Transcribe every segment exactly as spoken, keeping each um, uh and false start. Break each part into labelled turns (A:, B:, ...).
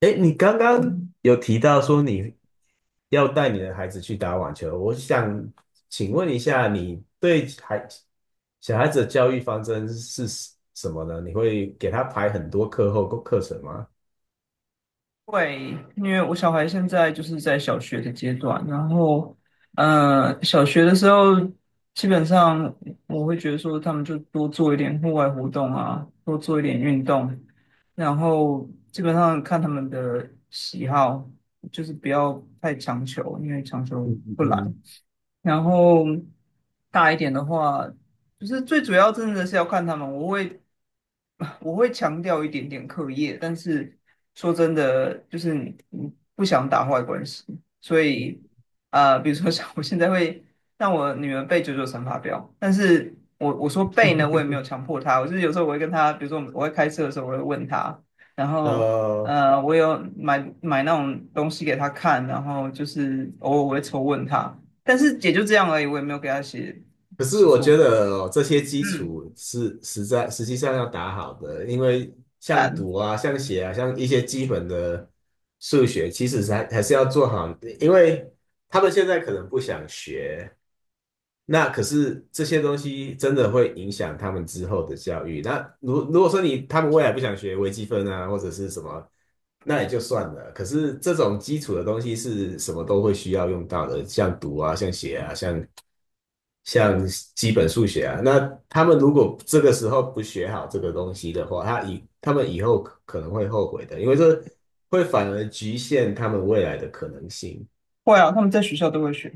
A: 哎，你刚刚有提到说你要带你的孩子去打网球，我想请问一下，你对孩小孩子的教育方针是什么呢？你会给他排很多课后课程吗？
B: 会，因为我小孩现在就是在小学的阶段，然后，呃，小学的时候，基本上我会觉得说，他们就多做一点户外活动啊，多做一点运动，然后基本上看他们的喜好，就是不要太强求，因为强求
A: 嗯嗯
B: 不来。
A: 嗯
B: 然后大一点的话，不是最主要，真的是要看他们。我会我会强调一点点课业，但是说真的，就是你你不想打坏关系，所
A: 嗯，
B: 以呃，比如说像我现在会让我女儿背九九乘法表，但是我我说背呢，我也没有强迫她，我就是有时候我会跟她，比如说我们我会开车的时候，我会问她，然后
A: 呃，
B: 呃，我有买买那种东西给她看，然后就是偶尔我会抽问她，但是也就这样而已，我也没有给她写
A: 可是
B: 习
A: 我
B: 作
A: 觉
B: 簿。
A: 得哦这些基
B: 嗯，
A: 础是实在实际上要打好的，因为像
B: 嗯
A: 读啊、像写啊、像一些基本的数学，其实是还还是要做好，因为他们现在可能不想学，那可是这些东西真的会影响他们之后的教育。那如如果说你他们未来不想学微积分啊，或者是什么，那也就算了。可是这种基础的东西是什么都会需要用到的，像读啊，像写啊，像像基本数学啊。那他们如果这个时候不学好这个东西的话，他以他们以后可能会后悔的，因为这会反而局限他们未来的可能性。
B: 会啊，他们在学校都会学，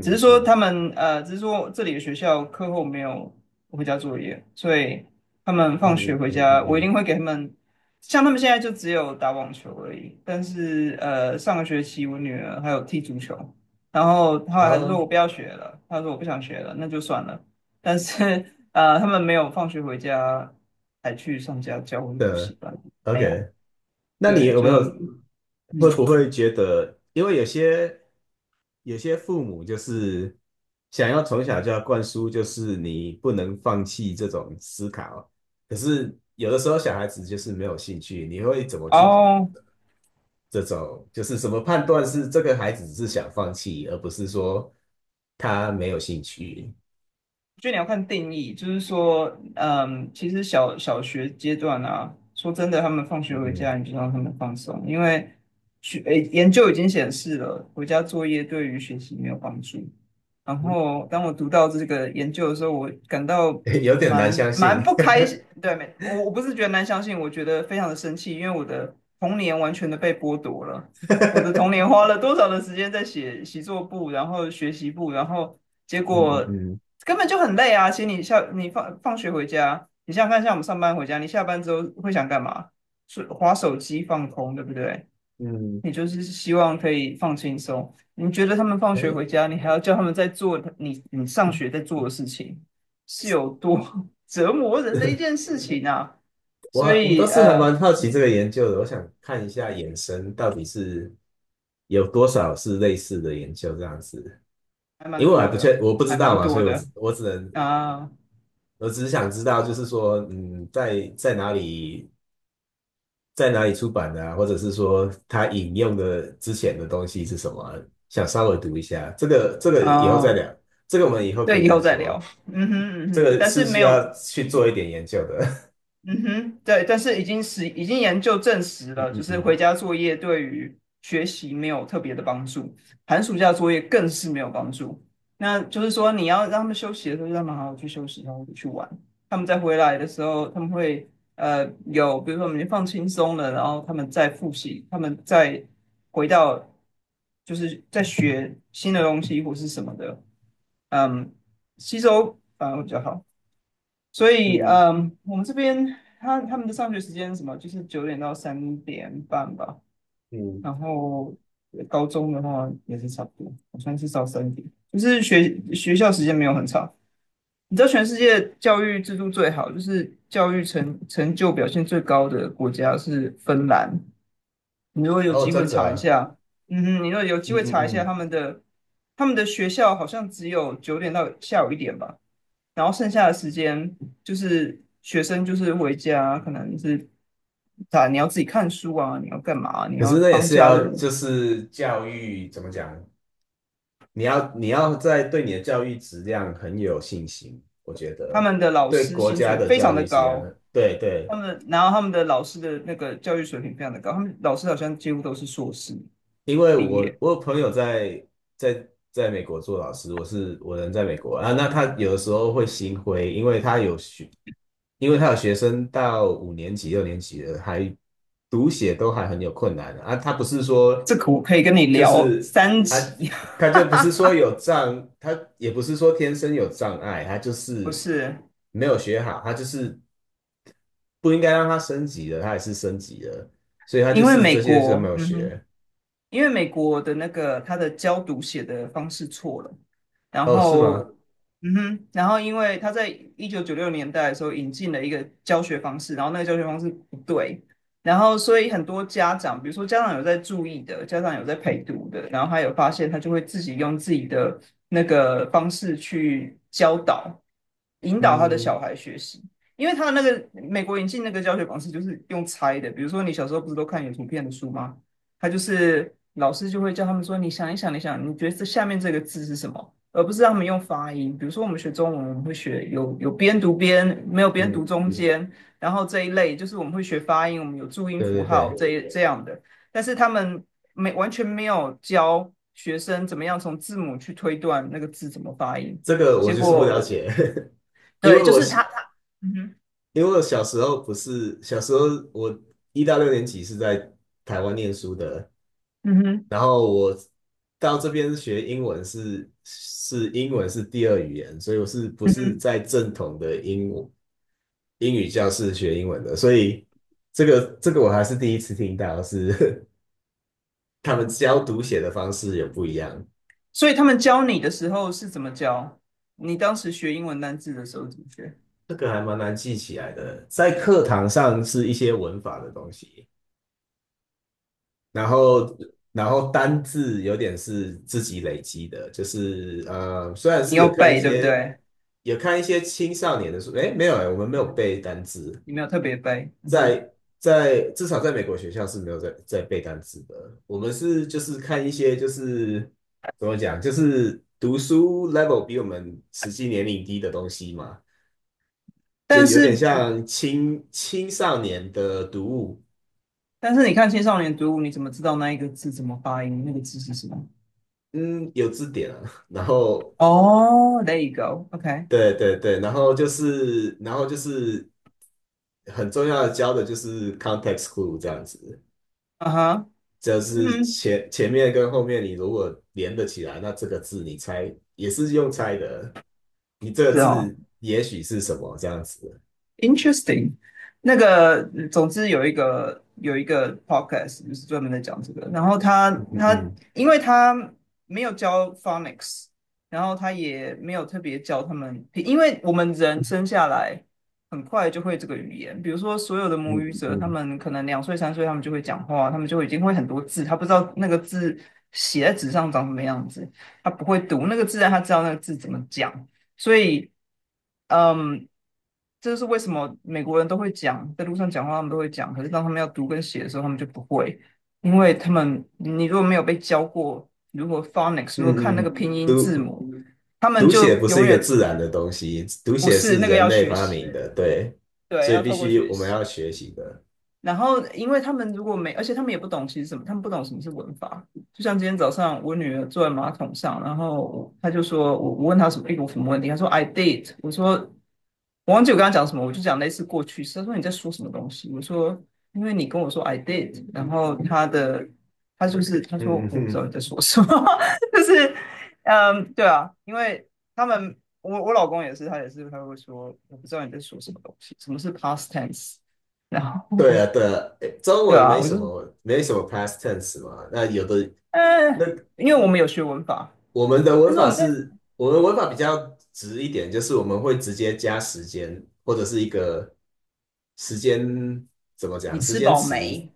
B: 只是说他
A: 嗯
B: 们呃，只是说这里的学校课后没有回家作业，所以他们放
A: 嗯
B: 学
A: 嗯
B: 回
A: 嗯嗯
B: 家，我
A: 嗯
B: 一
A: 嗯，
B: 定会给他们。像他们现在就只有打网球而已，但是呃，上个学期我女儿还有踢足球，然后后来还是说我不
A: 好
B: 要学了，她说我不想学了，那就算了。但是呃，他们没有放学回家还去上家教或者补习
A: 的
B: 班，没有，
A: ，OK。那你
B: 对，
A: 有没有
B: 就
A: 会
B: 嗯，
A: 不会觉得，因为有些有些父母就是想要从小就要灌输，就是你不能放弃这种思考，可是有的时候小孩子就是没有兴趣，你会怎么去
B: 哦。
A: 这种就是什么判断是这个孩子是想放弃，而不是说他没有兴趣？
B: 我觉得你要看定义，就是说，嗯，其实小小学阶段啊，说真的，他们放学回
A: 嗯
B: 家，你就让他们放松，因为学，诶，研究已经显示了，回家作业对于学习没有帮助。然
A: 嗯，
B: 后，当我读到这个研究的时候，我感到
A: 有点难
B: 蛮
A: 相
B: 蛮
A: 信。
B: 不开心，对，没，我我不是觉得难相信，我觉得非常的生气，因为我的童年完全的被剥夺了。我的童 年花了多少的时间在写习作簿，然后学习簿，然后结
A: 嗯
B: 果
A: 嗯
B: 根本就很累啊。其实你下你放放学回家，你想想看，像我们上班回家，你下班之后会想干嘛？是滑手机放空，对不对？
A: 嗯
B: 你就是希望可以放轻松。你觉得他们放学回
A: 嗯，诶
B: 家，你还要叫他们在做你你上学在做的事情，是有多 折磨人的一件事情啊！
A: 我
B: 所
A: 我倒
B: 以
A: 是还
B: 呃，
A: 蛮好奇这个研究的，我想看一下衍生到底是有多少是类似的研究这样子，
B: 还
A: 因
B: 蛮
A: 为我还
B: 多
A: 不
B: 的，
A: 确，我不知
B: 还
A: 道
B: 蛮
A: 嘛，所
B: 多
A: 以我只
B: 的
A: 我只能
B: 啊
A: 我只是想知道，就是说，嗯，在在哪里在哪里出版的啊，或者是说他引用的之前的东西是什么啊想稍微读一下，这个这个以后再
B: 啊，
A: 聊，这个我们以后可
B: 对，
A: 以
B: 以后
A: 再
B: 再聊。
A: 说，
B: 嗯哼嗯
A: 这
B: 哼，
A: 个
B: 但
A: 是
B: 是
A: 需
B: 没有
A: 要去做一点研究的，
B: 嗯哼，对，但是已经是已经研究证 实了，就
A: 嗯
B: 是回
A: 嗯
B: 家作业对于学习没有特别的帮助，寒暑假作业更是没有帮助。那就是说，你要让他们休息的时候，就让他们好好去休息，然后去玩。他们再回来的时候，他们会呃有，比如说我们已经放轻松了，然后他们再复习，他们再回到就是在学新的东西或是什么的，嗯，吸收反而会比较好。所以，
A: 嗯
B: 嗯，我们这边他他们的上学时间是什么，就是九点到三点半吧。
A: 嗯
B: 然后呃高中的话也是差不多，好像是到三点，就是学学校时间没有很长。你知道全世界教育制度最好，就是教育成成就表现最高的国家是芬兰。你如果有
A: 哦，
B: 机会
A: 真的
B: 查一
A: 啊，
B: 下，嗯哼，你如果有机
A: 嗯
B: 会
A: 嗯
B: 查一下
A: 嗯。
B: 他们的他们的学校好像只有九点到下午一点吧。然后剩下的时间就是学生就是回家，可能是啊你要自己看书啊，你要干嘛啊？你
A: 可
B: 要
A: 是那也
B: 帮
A: 是
B: 家
A: 要，
B: 人。
A: 就是教育怎么讲？你要你要在对你的教育质量很有信心，我觉
B: 他
A: 得
B: 们的老
A: 对
B: 师
A: 国
B: 薪
A: 家
B: 水
A: 的
B: 非常
A: 教
B: 的
A: 育质量
B: 高，
A: 很，对对，
B: 他们然后他们的老师的那个教育水平非常的高，他们老师好像几乎都是硕士
A: 因为
B: 毕
A: 我
B: 业。
A: 我有朋友在在在美国做老师，我是我人在美国啊，那他有的时候会心灰，因为他有学，因为他有学生到五年级、六年级了，还读写都还很有困难的啊。他不是说
B: 这个我可以跟你
A: 就
B: 聊
A: 是
B: 三
A: 他
B: 集，
A: 他就不是说有障，他也不是说天生有障碍，他就
B: 不
A: 是
B: 是
A: 没有学好，他就是不应该让他升级的，他还是升级了，所以他就
B: 因为
A: 是这
B: 美
A: 些就没
B: 国，
A: 有
B: 嗯哼。
A: 学。
B: 因为美国的那个他的教读写的方式错了，然
A: 哦，是
B: 后，
A: 吗？
B: 嗯哼，然后因为他在一九九六年代的时候引进了一个教学方式，然后那个教学方式不对，然后所以很多家长，比如说家长有在注意的，家长有在陪读的，然后他有发现，他就会自己用自己的那个方式去教导、引导他的
A: 嗯
B: 小孩学习。因为他那个美国引进那个教学方式就是用猜的，比如说你小时候不是都看有图片的书吗？他就是老师就会叫他们说，你想一想，你想，你觉得这下面这个字是什么？而不是让他们用发音。比如说我们学中文，我们会学有有边读边，没有边
A: 嗯，
B: 读中
A: 嗯
B: 间，然后这一类就是我们会学发音，我们有注音
A: 对
B: 符
A: 对
B: 号
A: 对，
B: 这一这样的。但是他们没完全没有教学生怎么样从字母去推断那个字怎么发音。
A: 这个我
B: 结
A: 就是不了
B: 果
A: 解，因
B: 对，
A: 为
B: 就
A: 我
B: 是他他嗯哼
A: 因为我小时候不是小时候我一到六年级是在台湾念书的，
B: 嗯哼
A: 然后我到这边学英文是是英文是第二语言，所以我是不
B: 嗯
A: 是
B: 哼，
A: 在正统的英英语教室学英文的，所以这个这个我还是第一次听到是 他们教读写的方式有不一样。
B: 所以他们教你的时候是怎么教？你当时学英文单字的时候怎么学？
A: 这个还蛮难记起来的，在课堂上是一些文法的东西，然后然后单字有点是自己累积的，就是呃，虽然
B: 你
A: 是
B: 有
A: 有看一
B: 背对不
A: 些
B: 对？
A: 有看一些青少年的书，诶，没有诶，我们没有背单字，
B: 你没有特别背，嗯哼。
A: 在在至少在美国学校是没有在在背单字的，我们是就是看一些就是怎么讲，就是读书 level 比我们实际年龄低的东西嘛。就
B: 但
A: 有点
B: 是
A: 像青青少年的读物，
B: 但是你看青少年读物，你怎么知道那一个字怎么发音？那个字是什么？
A: 嗯，有字典啊，然后
B: 哦 oh,，there you go，OK，okay.
A: 对对对，然后就是然后就是很重要的教的就是 context clue 这样子，
B: 啊哈，
A: 就是
B: 嗯，
A: 前前面跟后面你如果连得起来，那这个字你猜也是用猜的，你这个
B: 是哦。
A: 字也许是什么这样子，
B: Interesting，那个，嗯总之有一个有一个 podcast 就是专门在讲这个，然后他
A: 嗯
B: 他
A: 嗯
B: 因为他没有教 phonics，然后他也没有特别教他们，因为我们人生下来很快就会这个语言，比如说所有的母
A: 嗯
B: 语
A: 嗯
B: 者，他们可能两岁三岁他们就会讲话，他们就已经会很多字，他不知道那个字写在纸上长什么样子，他不会读那个字，但他知道那个字怎么讲。所以，嗯，这就是为什么美国人都会讲，在路上讲话他们都会讲，可是当他们要读跟写的时候，他们就不会，因为他们你如果没有被教过如果 phonics，
A: 嗯
B: 如果看
A: 嗯
B: 那
A: 嗯。
B: 个拼音字母，他们
A: 读写
B: 就
A: 不是
B: 永
A: 一个
B: 远
A: 自然的东西，读
B: 不
A: 写
B: 是
A: 是
B: 那个
A: 人
B: 要
A: 类
B: 学
A: 发
B: 习，
A: 明的，对，
B: 对，
A: 所以
B: 要
A: 必
B: 透过
A: 须
B: 学
A: 我们
B: 习。
A: 要学习的。
B: 然后，因为他们如果没，而且他们也不懂其实什么，他们不懂什么是文法。就像今天早上，我女儿坐在马桶上，然后她就说，我我问她什么一个什么问题，她说 I did，我说我忘记我跟她讲什么，我就讲类似过去式。她说你在说什么东西？我说因为你跟我说 I did，然后她的她就是她说
A: 嗯嗯
B: 我不知道
A: 嗯，
B: 你在说什么，就是嗯，对啊，因为他们我我老公也是，他也是他会说我不知道你在说什么东西，什么是 past tense。然
A: 对啊
B: 后
A: 对啊，诶中
B: 对
A: 文
B: 啊，
A: 没
B: 我
A: 什
B: 就是
A: 么没什么 past tense 嘛，那有的
B: 嗯，
A: 那
B: 呃，因为我们有学文法，
A: 我们的
B: 但
A: 文
B: 是我
A: 法
B: 们在
A: 是，我们文法比较直一点，就是我们会直接加时间或者是一个时间怎么
B: 你
A: 讲，时
B: 吃
A: 间
B: 饱
A: 词，
B: 没？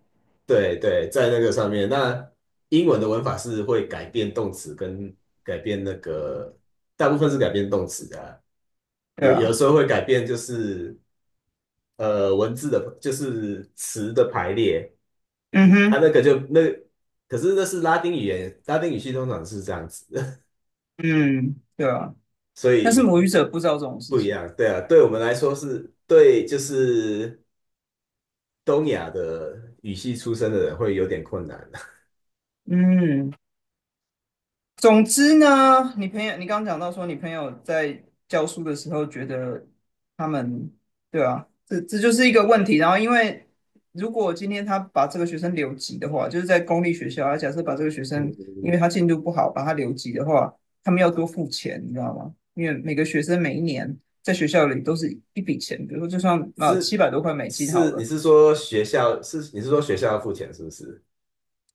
A: 对对，在那个上面。那英文的文法是会改变动词跟改变那个，大部分是改变动词的啊，
B: 对
A: 也
B: 啊，
A: 有时候会改变就是呃文字的，就是词的排列
B: 嗯
A: 啊，
B: 哼，
A: 那个就那，可是那是拉丁语言，拉丁语系通常是这样子，
B: 嗯，对啊，
A: 所
B: 但是
A: 以。
B: 母语者不知道这种事
A: 不一
B: 情。
A: 样，对啊，对我们来说是对，就是东亚的语系出身的人会有点困难。
B: 嗯。总之呢，你朋友，你刚刚讲到说，你朋友在教书的时候觉得他们，对啊，这这就是一个问题。然后，因为如果今天他把这个学生留级的话，就是在公立学校，他假设把这个学生，因
A: 嗯，
B: 为他进度不好，把他留级的话，他们要多付钱，你知道吗？因为每个学生每一年在学校里都是一笔钱，比如说就算啊
A: 是
B: 七百多块美金好
A: 是，你
B: 了。
A: 是说学校是你是说学校要付钱是不是？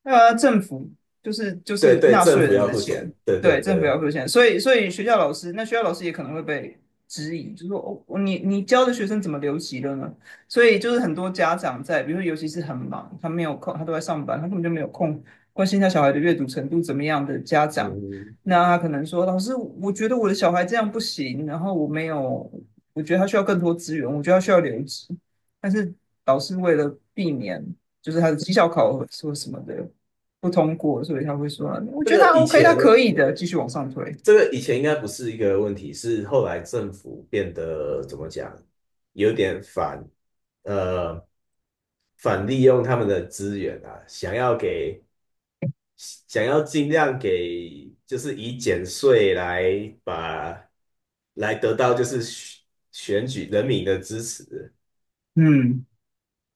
B: 呃，政府就是就
A: 对
B: 是
A: 对，
B: 纳
A: 政
B: 税
A: 府
B: 人
A: 要
B: 的
A: 付
B: 钱，
A: 钱，对对
B: 对，政府
A: 对，
B: 要付钱，所以所以学校老师，那学校老师也可能会被质疑，就说哦，你你教的学生怎么留级了呢？所以就是很多家长在，比如说尤其是很忙，他没有空，他都在上班，他根本就没有空关心他小孩的阅读程度怎么样的家长，
A: 嗯，
B: 那他可能说，老师，我觉得我的小孩这样不行，然后我没有，我觉得他需要更多资源，我觉得他需要留级，但是老师为了避免就是他的绩效考核或什么的。不通过，所以他会说，我
A: 这
B: 觉得
A: 个
B: 他
A: 以
B: OK，他
A: 前
B: 可以的，继续往上推。
A: 这个以前应该不是一个问题，是后来政府变得怎么讲，有点反呃反利用他们的资源啊，想要给想要尽量给，就是以减税来把来得到就是选选举人民的支持，
B: 嗯，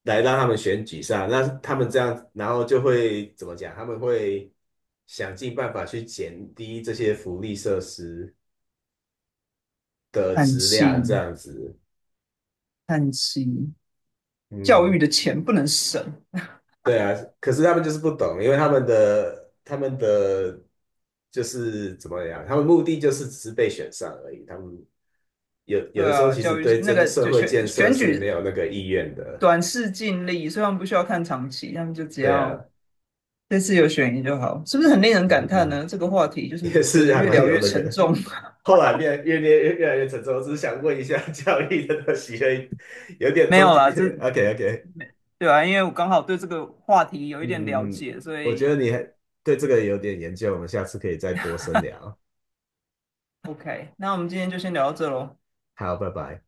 A: 来让他们选举上。那他们这样，然后就会怎么讲？他们会想尽办法去减低这些福利设施的
B: 叹
A: 质量，这
B: 气，
A: 样子。
B: 叹气，教
A: 嗯，
B: 育的钱不能省。
A: 对啊，可是他们就是不懂，因为他们的他们的就是怎么样，他们目的就是只是被选上而已。他们有有
B: 对
A: 的时候
B: 啊，
A: 其实
B: 教育
A: 对
B: 那
A: 真
B: 个
A: 社
B: 就
A: 会
B: 选
A: 建设
B: 选
A: 是没
B: 举
A: 有那个意愿的。
B: 短视近利，所以他们不需要看长期，他们就只
A: 对啊，
B: 要这次有选赢就好，是不是很令人
A: 嗯
B: 感叹
A: 嗯，
B: 呢？这个话题就是
A: 也
B: 觉
A: 是
B: 得
A: 还
B: 越
A: 蛮
B: 聊
A: 有
B: 越
A: 那
B: 沉
A: 个。
B: 重。
A: 后来变越变越越来越沉重，我只是想问一下 教育的东西而有 点
B: 没
A: 终
B: 有
A: 极。
B: 啦，这
A: OK OK,
B: 对啊，因为我刚好对这个话题有一
A: 嗯
B: 点了
A: 嗯嗯，
B: 解，所
A: 我觉
B: 以
A: 得你还对这个有点研究，我们下次可以再多深聊。
B: OK，那我们今天就先聊到这喽。
A: 好，拜拜。